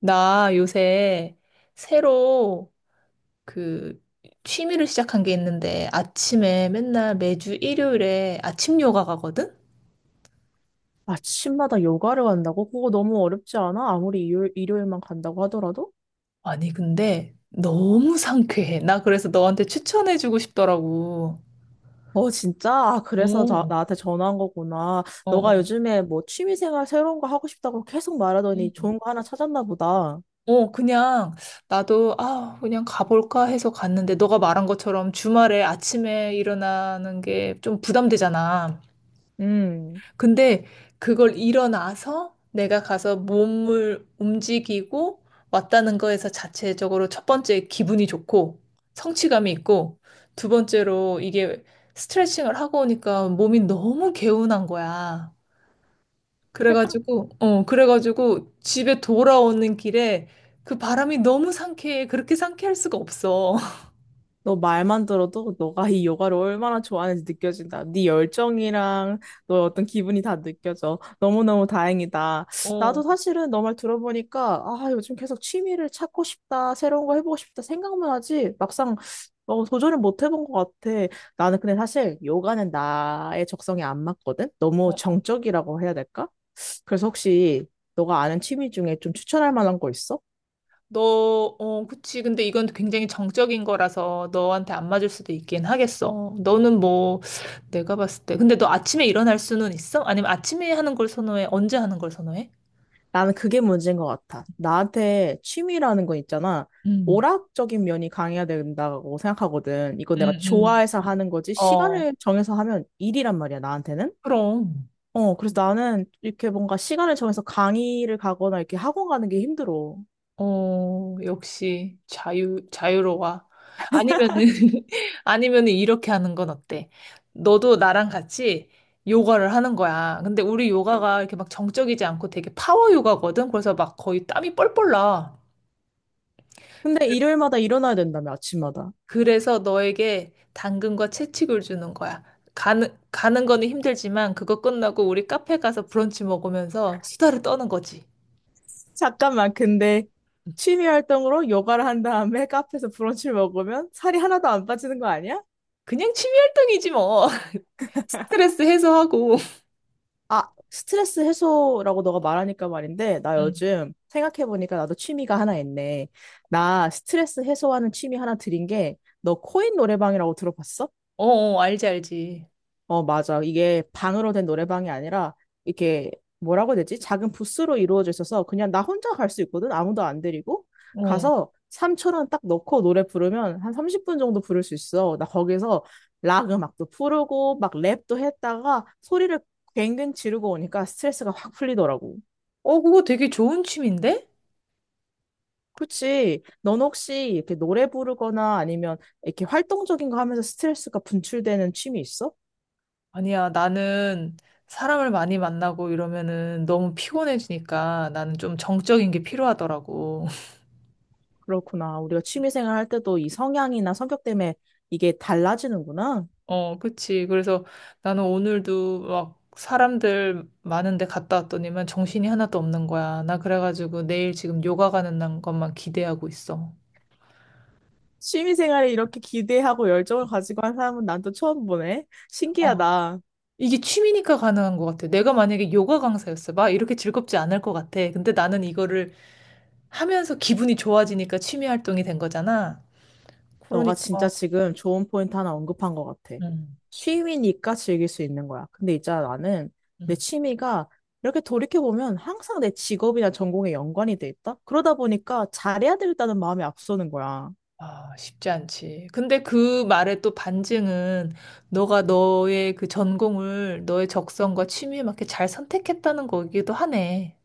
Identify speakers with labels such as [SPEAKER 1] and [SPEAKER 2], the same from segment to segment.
[SPEAKER 1] 나 요새 새로 그 취미를 시작한 게 있는데 아침에 맨날 매주 일요일에 아침 요가 가거든?
[SPEAKER 2] 아침마다 요가를 간다고? 그거 너무 어렵지 않아? 아무리 일요일만 간다고 하더라도?
[SPEAKER 1] 아니, 근데 너무 상쾌해. 나 그래서 너한테 추천해주고 싶더라고.
[SPEAKER 2] 어, 진짜? 아, 그래서 나,
[SPEAKER 1] 오,
[SPEAKER 2] 나한테 전화한 거구나.
[SPEAKER 1] 어,
[SPEAKER 2] 너가
[SPEAKER 1] 어.
[SPEAKER 2] 요즘에 뭐 취미생활 새로운 거 하고 싶다고 계속 말하더니
[SPEAKER 1] 음.
[SPEAKER 2] 좋은 거 하나 찾았나 보다.
[SPEAKER 1] 어, 그냥 나도 그냥 가볼까 해서 갔는데 너가 말한 것처럼 주말에 아침에 일어나는 게 좀 부담되잖아.
[SPEAKER 2] 음.
[SPEAKER 1] 근데 그걸 일어나서 내가 가서 몸을 움직이고 왔다는 거에서 자체적으로 첫 번째 기분이 좋고 성취감이 있고 두 번째로 이게 스트레칭을 하고 오니까 몸이 너무 개운한 거야. 그래가지고 집에 돌아오는 길에 그 바람이 너무 상쾌해. 그렇게 상쾌할 수가 없어.
[SPEAKER 2] 너 말만 들어도 너가 이 요가를 얼마나 좋아하는지 느껴진다. 네 열정이랑 너의 어떤 기분이 다 느껴져. 너무너무 다행이다.
[SPEAKER 1] 어,
[SPEAKER 2] 나도 사실은 너 말 들어보니까 아, 요즘 계속 취미를 찾고 싶다. 새로운 거 해보고 싶다. 생각만 하지. 막상 도전을 못 해본 것 같아. 나는 근데 사실 요가는 나의 적성에 안 맞거든. 너무
[SPEAKER 1] 어.
[SPEAKER 2] 정적이라고 해야 될까? 그래서 혹시 너가 아는 취미 중에 좀 추천할 만한 거 있어?
[SPEAKER 1] 그치. 근데 이건 굉장히 정적인 거라서 너한테 안 맞을 수도 있긴 하겠어. 너는 뭐, 내가 봤을 때. 근데 너 아침에 일어날 수는 있어? 아니면 아침에 하는 걸 선호해? 언제 하는 걸 선호해?
[SPEAKER 2] 나는 그게 문제인 것 같아. 나한테 취미라는 건 있잖아.
[SPEAKER 1] 음,
[SPEAKER 2] 오락적인 면이 강해야 된다고 생각하거든. 이건 내가
[SPEAKER 1] 음, 음.
[SPEAKER 2] 좋아해서 하는 거지.
[SPEAKER 1] 어,
[SPEAKER 2] 시간을 정해서 하면 일이란 말이야, 나한테는.
[SPEAKER 1] 그럼.
[SPEAKER 2] 그래서 나는 이렇게 뭔가 시간을 정해서 강의를 가거나 이렇게 학원 가는 게 힘들어.
[SPEAKER 1] 어, 역시 자유로워. 아니면은, 아니면은 이렇게 하는 건 어때? 너도 나랑 같이 요가를 하는 거야. 근데 우리 요가가 이렇게 막 정적이지 않고 되게 파워 요가거든? 그래서 막 거의 땀이 뻘뻘 나.
[SPEAKER 2] 근데 일요일마다 일어나야 된다며, 아침마다.
[SPEAKER 1] 그래서 너에게 당근과 채찍을 주는 거야. 가는 거는 힘들지만 그거 끝나고 우리 카페 가서 브런치 먹으면서 수다를 떠는 거지.
[SPEAKER 2] 잠깐만, 근데 취미 활동으로 요가를 한 다음에 카페에서 브런치를 먹으면 살이 하나도 안 빠지는 거 아니야?
[SPEAKER 1] 그냥 취미 활동이지 뭐. 스트레스 해소하고.
[SPEAKER 2] 아, 스트레스 해소라고 너가 말하니까 말인데, 나 요즘 생각해보니까 나도 취미가 하나 있네. 나 스트레스 해소하는 취미 하나 들인 게, 너 코인 노래방이라고 들어봤어?
[SPEAKER 1] 어, 어, 알지, 알지.
[SPEAKER 2] 어, 맞아. 이게 방으로 된 노래방이 아니라 이렇게 뭐라고 해야 되지? 작은 부스로 이루어져 있어서 그냥 나 혼자 갈 수 있거든. 아무도 안 데리고.
[SPEAKER 1] 어.
[SPEAKER 2] 가서 3초원딱 넣고 노래 부르면 한 30분 정도 부를 수 있어. 나 거기서 락 음악도 부르고 막 랩도 했다가 소리를 괭괭 지르고 오니까 스트레스가 확 풀리더라고.
[SPEAKER 1] 어, 그거 되게 좋은 취미인데?
[SPEAKER 2] 그치. 넌 혹시 이렇게 노래 부르거나 아니면 이렇게 활동적인 거 하면서 스트레스가 분출되는 취미 있어?
[SPEAKER 1] 아니야, 나는 사람을 많이 만나고 이러면은 너무 피곤해지니까 나는 좀 정적인 게 필요하더라고.
[SPEAKER 2] 그렇구나. 우리가 취미생활 할 때도 이 성향이나 성격 때문에 이게 달라지는구나.
[SPEAKER 1] 어, 그치. 그래서 나는 오늘도 막 사람들 많은데 갔다 왔더니만 정신이 하나도 없는 거야. 나 그래가지고 내일 지금 요가 가는 날 것만 기대하고 있어.
[SPEAKER 2] 취미생활에 이렇게 기대하고 열정을 가지고 한 사람은 난 또 처음 보네.
[SPEAKER 1] 어.
[SPEAKER 2] 신기하다.
[SPEAKER 1] 이게 취미니까 가능한 것 같아. 내가 만약에 요가 강사였어. 막 이렇게 즐겁지 않을 것 같아. 근데 나는 이거를 하면서 기분이 좋아지니까 취미 활동이 된 거잖아.
[SPEAKER 2] 너가
[SPEAKER 1] 그러니까
[SPEAKER 2] 진짜 지금 좋은 포인트 하나 언급한 것 같아.
[SPEAKER 1] 음,
[SPEAKER 2] 취미니까 즐길 수 있는 거야. 근데 있잖아, 나는
[SPEAKER 1] 음.
[SPEAKER 2] 내 취미가 이렇게 돌이켜보면 항상 내 직업이나 전공에 연관이 돼 있다? 그러다 보니까 잘해야 되겠다는 마음이 앞서는 거야.
[SPEAKER 1] 아, 쉽지 않지. 근데 그 말의 또 반증은 너가 너의 그 전공을 너의 적성과 취미에 맞게 잘 선택했다는 거기도 하네.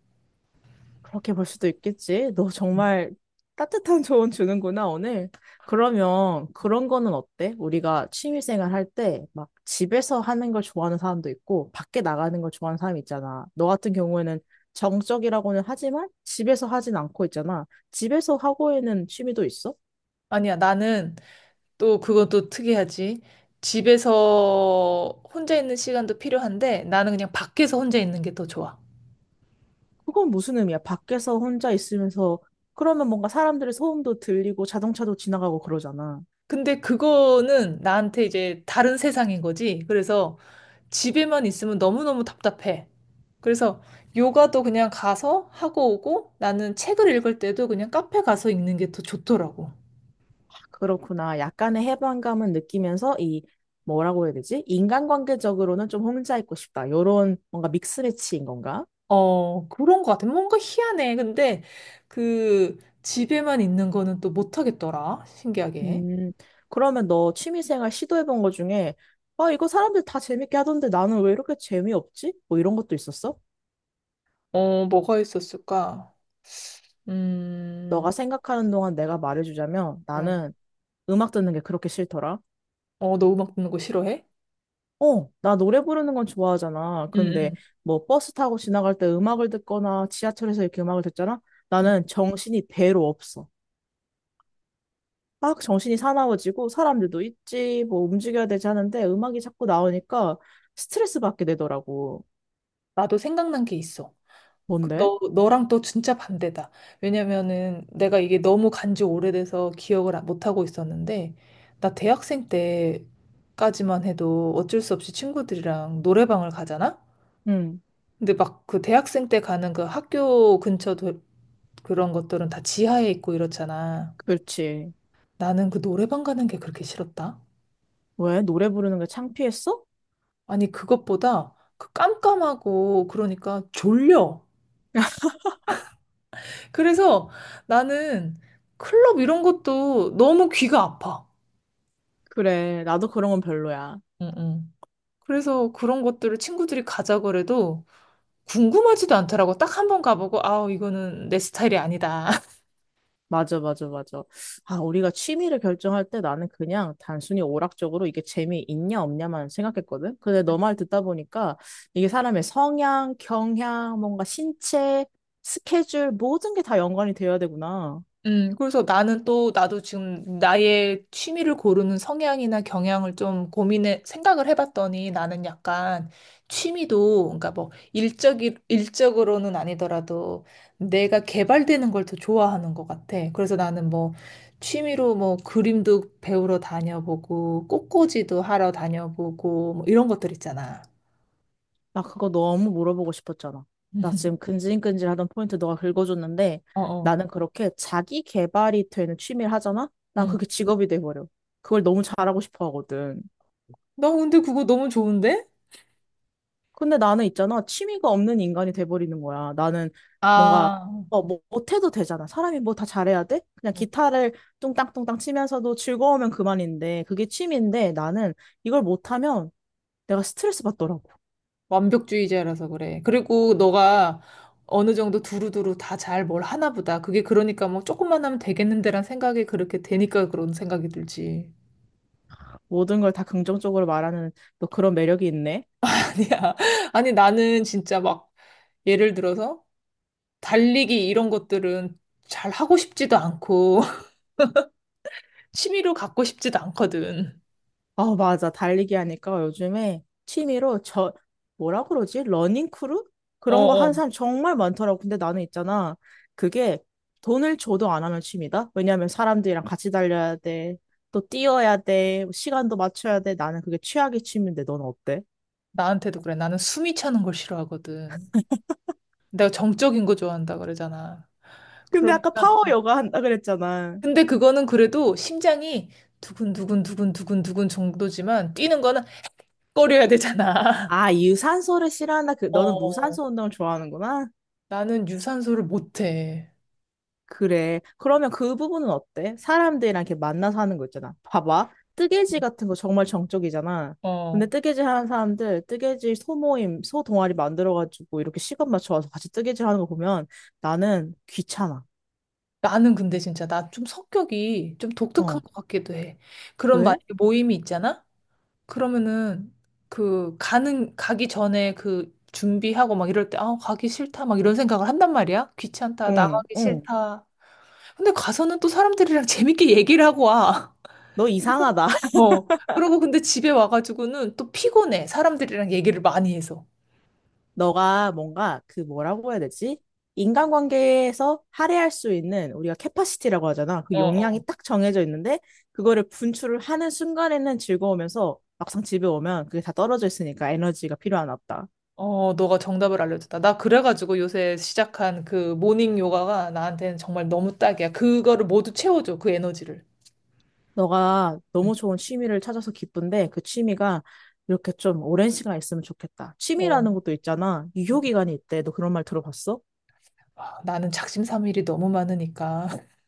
[SPEAKER 2] 그렇게 볼 수도 있겠지. 너 정말 따뜻한 조언 주는구나, 오늘. 그러면 그런 거는 어때? 우리가 취미생활 할 때 막 집에서 하는 걸 좋아하는 사람도 있고 밖에 나가는 걸 좋아하는 사람이 있잖아. 너 같은 경우에는 정적이라고는 하지만 집에서 하진 않고 있잖아. 집에서 하고 있는 취미도 있어?
[SPEAKER 1] 아니야, 나는 또 그건 또 특이하지. 집에서 혼자 있는 시간도 필요한데 나는 그냥 밖에서 혼자 있는 게 더 좋아.
[SPEAKER 2] 그건 무슨 의미야? 밖에서 혼자 있으면서 그러면 뭔가 사람들의 소음도 들리고 자동차도 지나가고 그러잖아.
[SPEAKER 1] 근데 그거는 나한테 이제 다른 세상인 거지. 그래서 집에만 있으면 너무너무 답답해. 그래서 요가도 그냥 가서 하고 오고 나는 책을 읽을 때도 그냥 카페 가서 읽는 게 더 좋더라고.
[SPEAKER 2] 그렇구나. 약간의 해방감은 느끼면서 이 뭐라고 해야 되지? 인간관계적으로는 좀 혼자 있고 싶다. 요런 뭔가 믹스매치인 건가?
[SPEAKER 1] 어, 그런 것 같아. 뭔가 희한해. 근데 그 집에만 있는 거는 또 못하겠더라. 신기하게.
[SPEAKER 2] 음, 그러면 너 취미생활 시도해본 거 중에 아, 이거 사람들 다 재밌게 하던데 나는 왜 이렇게 재미없지? 뭐 이런 것도 있었어?
[SPEAKER 1] 어, 뭐가 있었을까?
[SPEAKER 2] 너가
[SPEAKER 1] 음,
[SPEAKER 2] 생각하는 동안 내가 말해주자면
[SPEAKER 1] 음.
[SPEAKER 2] 나는 음악 듣는 게 그렇게 싫더라.
[SPEAKER 1] 어, 너 음악 듣는 거 싫어해?
[SPEAKER 2] 어, 나 노래 부르는 건 좋아하잖아.
[SPEAKER 1] 응,
[SPEAKER 2] 근데
[SPEAKER 1] 응.
[SPEAKER 2] 뭐 버스 타고 지나갈 때 음악을 듣거나 지하철에서 이렇게 음악을 듣잖아?
[SPEAKER 1] 응.
[SPEAKER 2] 나는 정신이 배로 없어. 막 정신이 사나워지고 사람들도 있지, 뭐 움직여야 되지 하는데 음악이 자꾸 나오니까 스트레스 받게 되더라고.
[SPEAKER 1] 나도 생각난 게 있어. 그
[SPEAKER 2] 뭔데?
[SPEAKER 1] 너, 너랑 또 진짜 반대다. 왜냐면은 내가 이게 너무 간지 오래돼서 기억을 못하고 있었는데, 나 대학생 때까지만 해도 어쩔 수 없이 친구들이랑 노래방을 가잖아?
[SPEAKER 2] 응,
[SPEAKER 1] 근데 막 그 대학생 때 가는 그 학교 근처 도, 그런 것들은 다 지하에 있고 이렇잖아.
[SPEAKER 2] 그렇지.
[SPEAKER 1] 나는 그 노래방 가는 게 그렇게 싫었다.
[SPEAKER 2] 왜? 노래 부르는 게 창피했어?
[SPEAKER 1] 아니, 그것보다 그 깜깜하고 그러니까 졸려. 그래서 나는 클럽 이런 것도 너무 귀가 아파.
[SPEAKER 2] 그래, 나도 그런 건 별로야.
[SPEAKER 1] 응, 응. 그래서 그런 것들을 친구들이 가자고 래도 궁금하지도 않더라고. 딱 한번 가보고, 아, 이거는 내 스타일이 아니다.
[SPEAKER 2] 맞아, 맞아, 맞아. 아, 우리가 취미를 결정할 때 나는 그냥 단순히 오락적으로 이게 재미있냐, 없냐만 생각했거든? 근데 너 말 듣다 보니까 이게 사람의 성향, 경향, 뭔가 신체, 스케줄, 모든 게 다 연관이 되어야 되구나.
[SPEAKER 1] 그래서 나도 지금 나의 취미를 고르는 성향이나 경향을 좀 생각을 해봤더니 나는 약간 취미도, 그러니까 뭐, 일적으로는 아니더라도 내가 개발되는 걸 더 좋아하는 것 같아. 그래서 나는 뭐, 취미로 뭐, 그림도 배우러 다녀보고, 꽃꽂이도 하러 다녀보고, 뭐, 이런 것들 있잖아.
[SPEAKER 2] 나 그거 너무 물어보고 싶었잖아. 나 지금 근질근질하던 포인트 너가 긁어줬는데
[SPEAKER 1] 어어.
[SPEAKER 2] 나는 그렇게 자기 개발이 되는 취미를 하잖아? 난
[SPEAKER 1] 음.
[SPEAKER 2] 그게 직업이 돼버려. 그걸 너무 잘하고 싶어 하거든.
[SPEAKER 1] 나 근데 그거 너무 좋은데?
[SPEAKER 2] 근데 나는 있잖아. 취미가 없는 인간이 돼버리는 거야. 나는 뭔가
[SPEAKER 1] 아.
[SPEAKER 2] 뭐 못해도 되잖아. 사람이 뭐 다 잘해야 돼? 그냥 기타를 뚱땅뚱땅 치면서도 즐거우면 그만인데 그게 취미인데 나는 이걸 못하면 내가 스트레스 받더라고.
[SPEAKER 1] 완벽주의자라서 그래. 그리고 너가 어느 정도 두루두루 다 잘 뭘 하나 보다. 그게 그러니까 뭐 조금만 하면 되겠는데란 생각이 그렇게 되니까 그런 생각이 들지.
[SPEAKER 2] 모든 걸 다 긍정적으로 말하는 너 그런 매력이 있네.
[SPEAKER 1] 아니야. 아니, 나는 진짜 막 예를 들어서 달리기 이런 것들은 잘 하고 싶지도 않고 취미로 갖고 싶지도 않거든.
[SPEAKER 2] 어, 맞아. 달리기 하니까 요즘에 취미로 저, 뭐라 그러지? 러닝 크루?
[SPEAKER 1] 어,
[SPEAKER 2] 그런 거
[SPEAKER 1] 어.
[SPEAKER 2] 하는 사람 정말 많더라고. 근데 나는 있잖아. 그게 돈을 줘도 안 하는 취미다? 왜냐하면 사람들이랑 같이 달려야 돼. 또 뛰어야 돼. 시간도 맞춰야 돼. 나는 그게 최악의 취미인데 넌 어때?
[SPEAKER 1] 나한테도 그래. 나는 숨이 차는 걸 싫어하거든. 내가 정적인 거 좋아한다 그러잖아.
[SPEAKER 2] 근데 아까
[SPEAKER 1] 그러니까
[SPEAKER 2] 파워 요가 한다 그랬잖아.
[SPEAKER 1] 근데 그거는 그래도 심장이 두근두근 두근두근 두근 정도지만 뛰는 거는 꺼려야 되잖아.
[SPEAKER 2] 아, 유산소를 싫어한다. 그, 너는
[SPEAKER 1] 어,
[SPEAKER 2] 무산소 운동을 좋아하는구나.
[SPEAKER 1] 나는 유산소를 못해.
[SPEAKER 2] 그래. 그러면 그 부분은 어때? 사람들이랑 이렇게 만나서 하는 거 있잖아. 봐봐. 뜨개질 같은 거 정말 정적이잖아. 근데
[SPEAKER 1] 어,
[SPEAKER 2] 뜨개질 하는 사람들, 뜨개질 소모임, 소동아리 만들어가지고 이렇게 시간 맞춰와서 같이 뜨개질 하는 거 보면 나는 귀찮아.
[SPEAKER 1] 나는 근데 진짜 나 좀 성격이 좀 독특한
[SPEAKER 2] 어.
[SPEAKER 1] 것 같기도 해. 그런
[SPEAKER 2] 왜?
[SPEAKER 1] 만약에 모임이 있잖아? 그러면은 그 가는 가기 전에 그 준비하고 막 이럴 때 아, 가기 싫다 막 이런 생각을 한단 말이야. 귀찮다,
[SPEAKER 2] 응,
[SPEAKER 1] 나가기
[SPEAKER 2] 응.
[SPEAKER 1] 싫다. 근데 가서는 또 사람들이랑 재밌게 얘기를 하고 와.
[SPEAKER 2] 너 이상하다.
[SPEAKER 1] 어. 그러고 근데 집에 와가지고는 또 피곤해. 사람들이랑 얘기를 많이 해서.
[SPEAKER 2] 너가 뭔가 그 뭐라고 해야 되지? 인간관계에서 할애할 수 있는 우리가 캐파시티라고 하잖아. 그
[SPEAKER 1] 어, 어.
[SPEAKER 2] 용량이 딱 정해져 있는데 그거를 분출을 하는 순간에는 즐거우면서 막상 집에 오면 그게 다 떨어져 있으니까 에너지가 필요하나 보다.
[SPEAKER 1] 어, 너가 정답을 알려줬다. 나 그래가지고 요새 시작한 그 모닝 요가가 나한테는 정말 너무 딱이야. 그거를 모두 채워줘, 그 에너지를.
[SPEAKER 2] 너가
[SPEAKER 1] 응,
[SPEAKER 2] 너무 좋은 취미를 찾아서 기쁜데 그 취미가 이렇게 좀 오랜 시간 있으면 좋겠다.
[SPEAKER 1] 어.
[SPEAKER 2] 취미라는 것도 있잖아.
[SPEAKER 1] 응,
[SPEAKER 2] 유효기간이 있대. 너 그런 말 들어봤어?
[SPEAKER 1] 아, 나는 작심삼일이 너무 많으니까.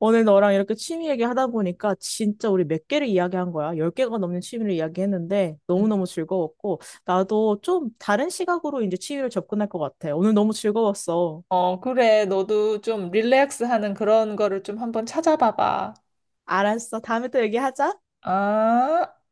[SPEAKER 2] 오늘 너랑 이렇게 취미 얘기하다 보니까 진짜 우리 몇 개를 이야기한 거야. 열 개가 넘는 취미를 이야기했는데
[SPEAKER 1] 응.
[SPEAKER 2] 너무너무 즐거웠고 나도 좀 다른 시각으로 이제 취미를 접근할 것 같아. 오늘 너무 즐거웠어.
[SPEAKER 1] 어, 그래. 너도 좀 릴렉스 하는 그런 거를 좀 한번 찾아봐봐.
[SPEAKER 2] 알았어. 다음에 또 얘기하자.
[SPEAKER 1] 아.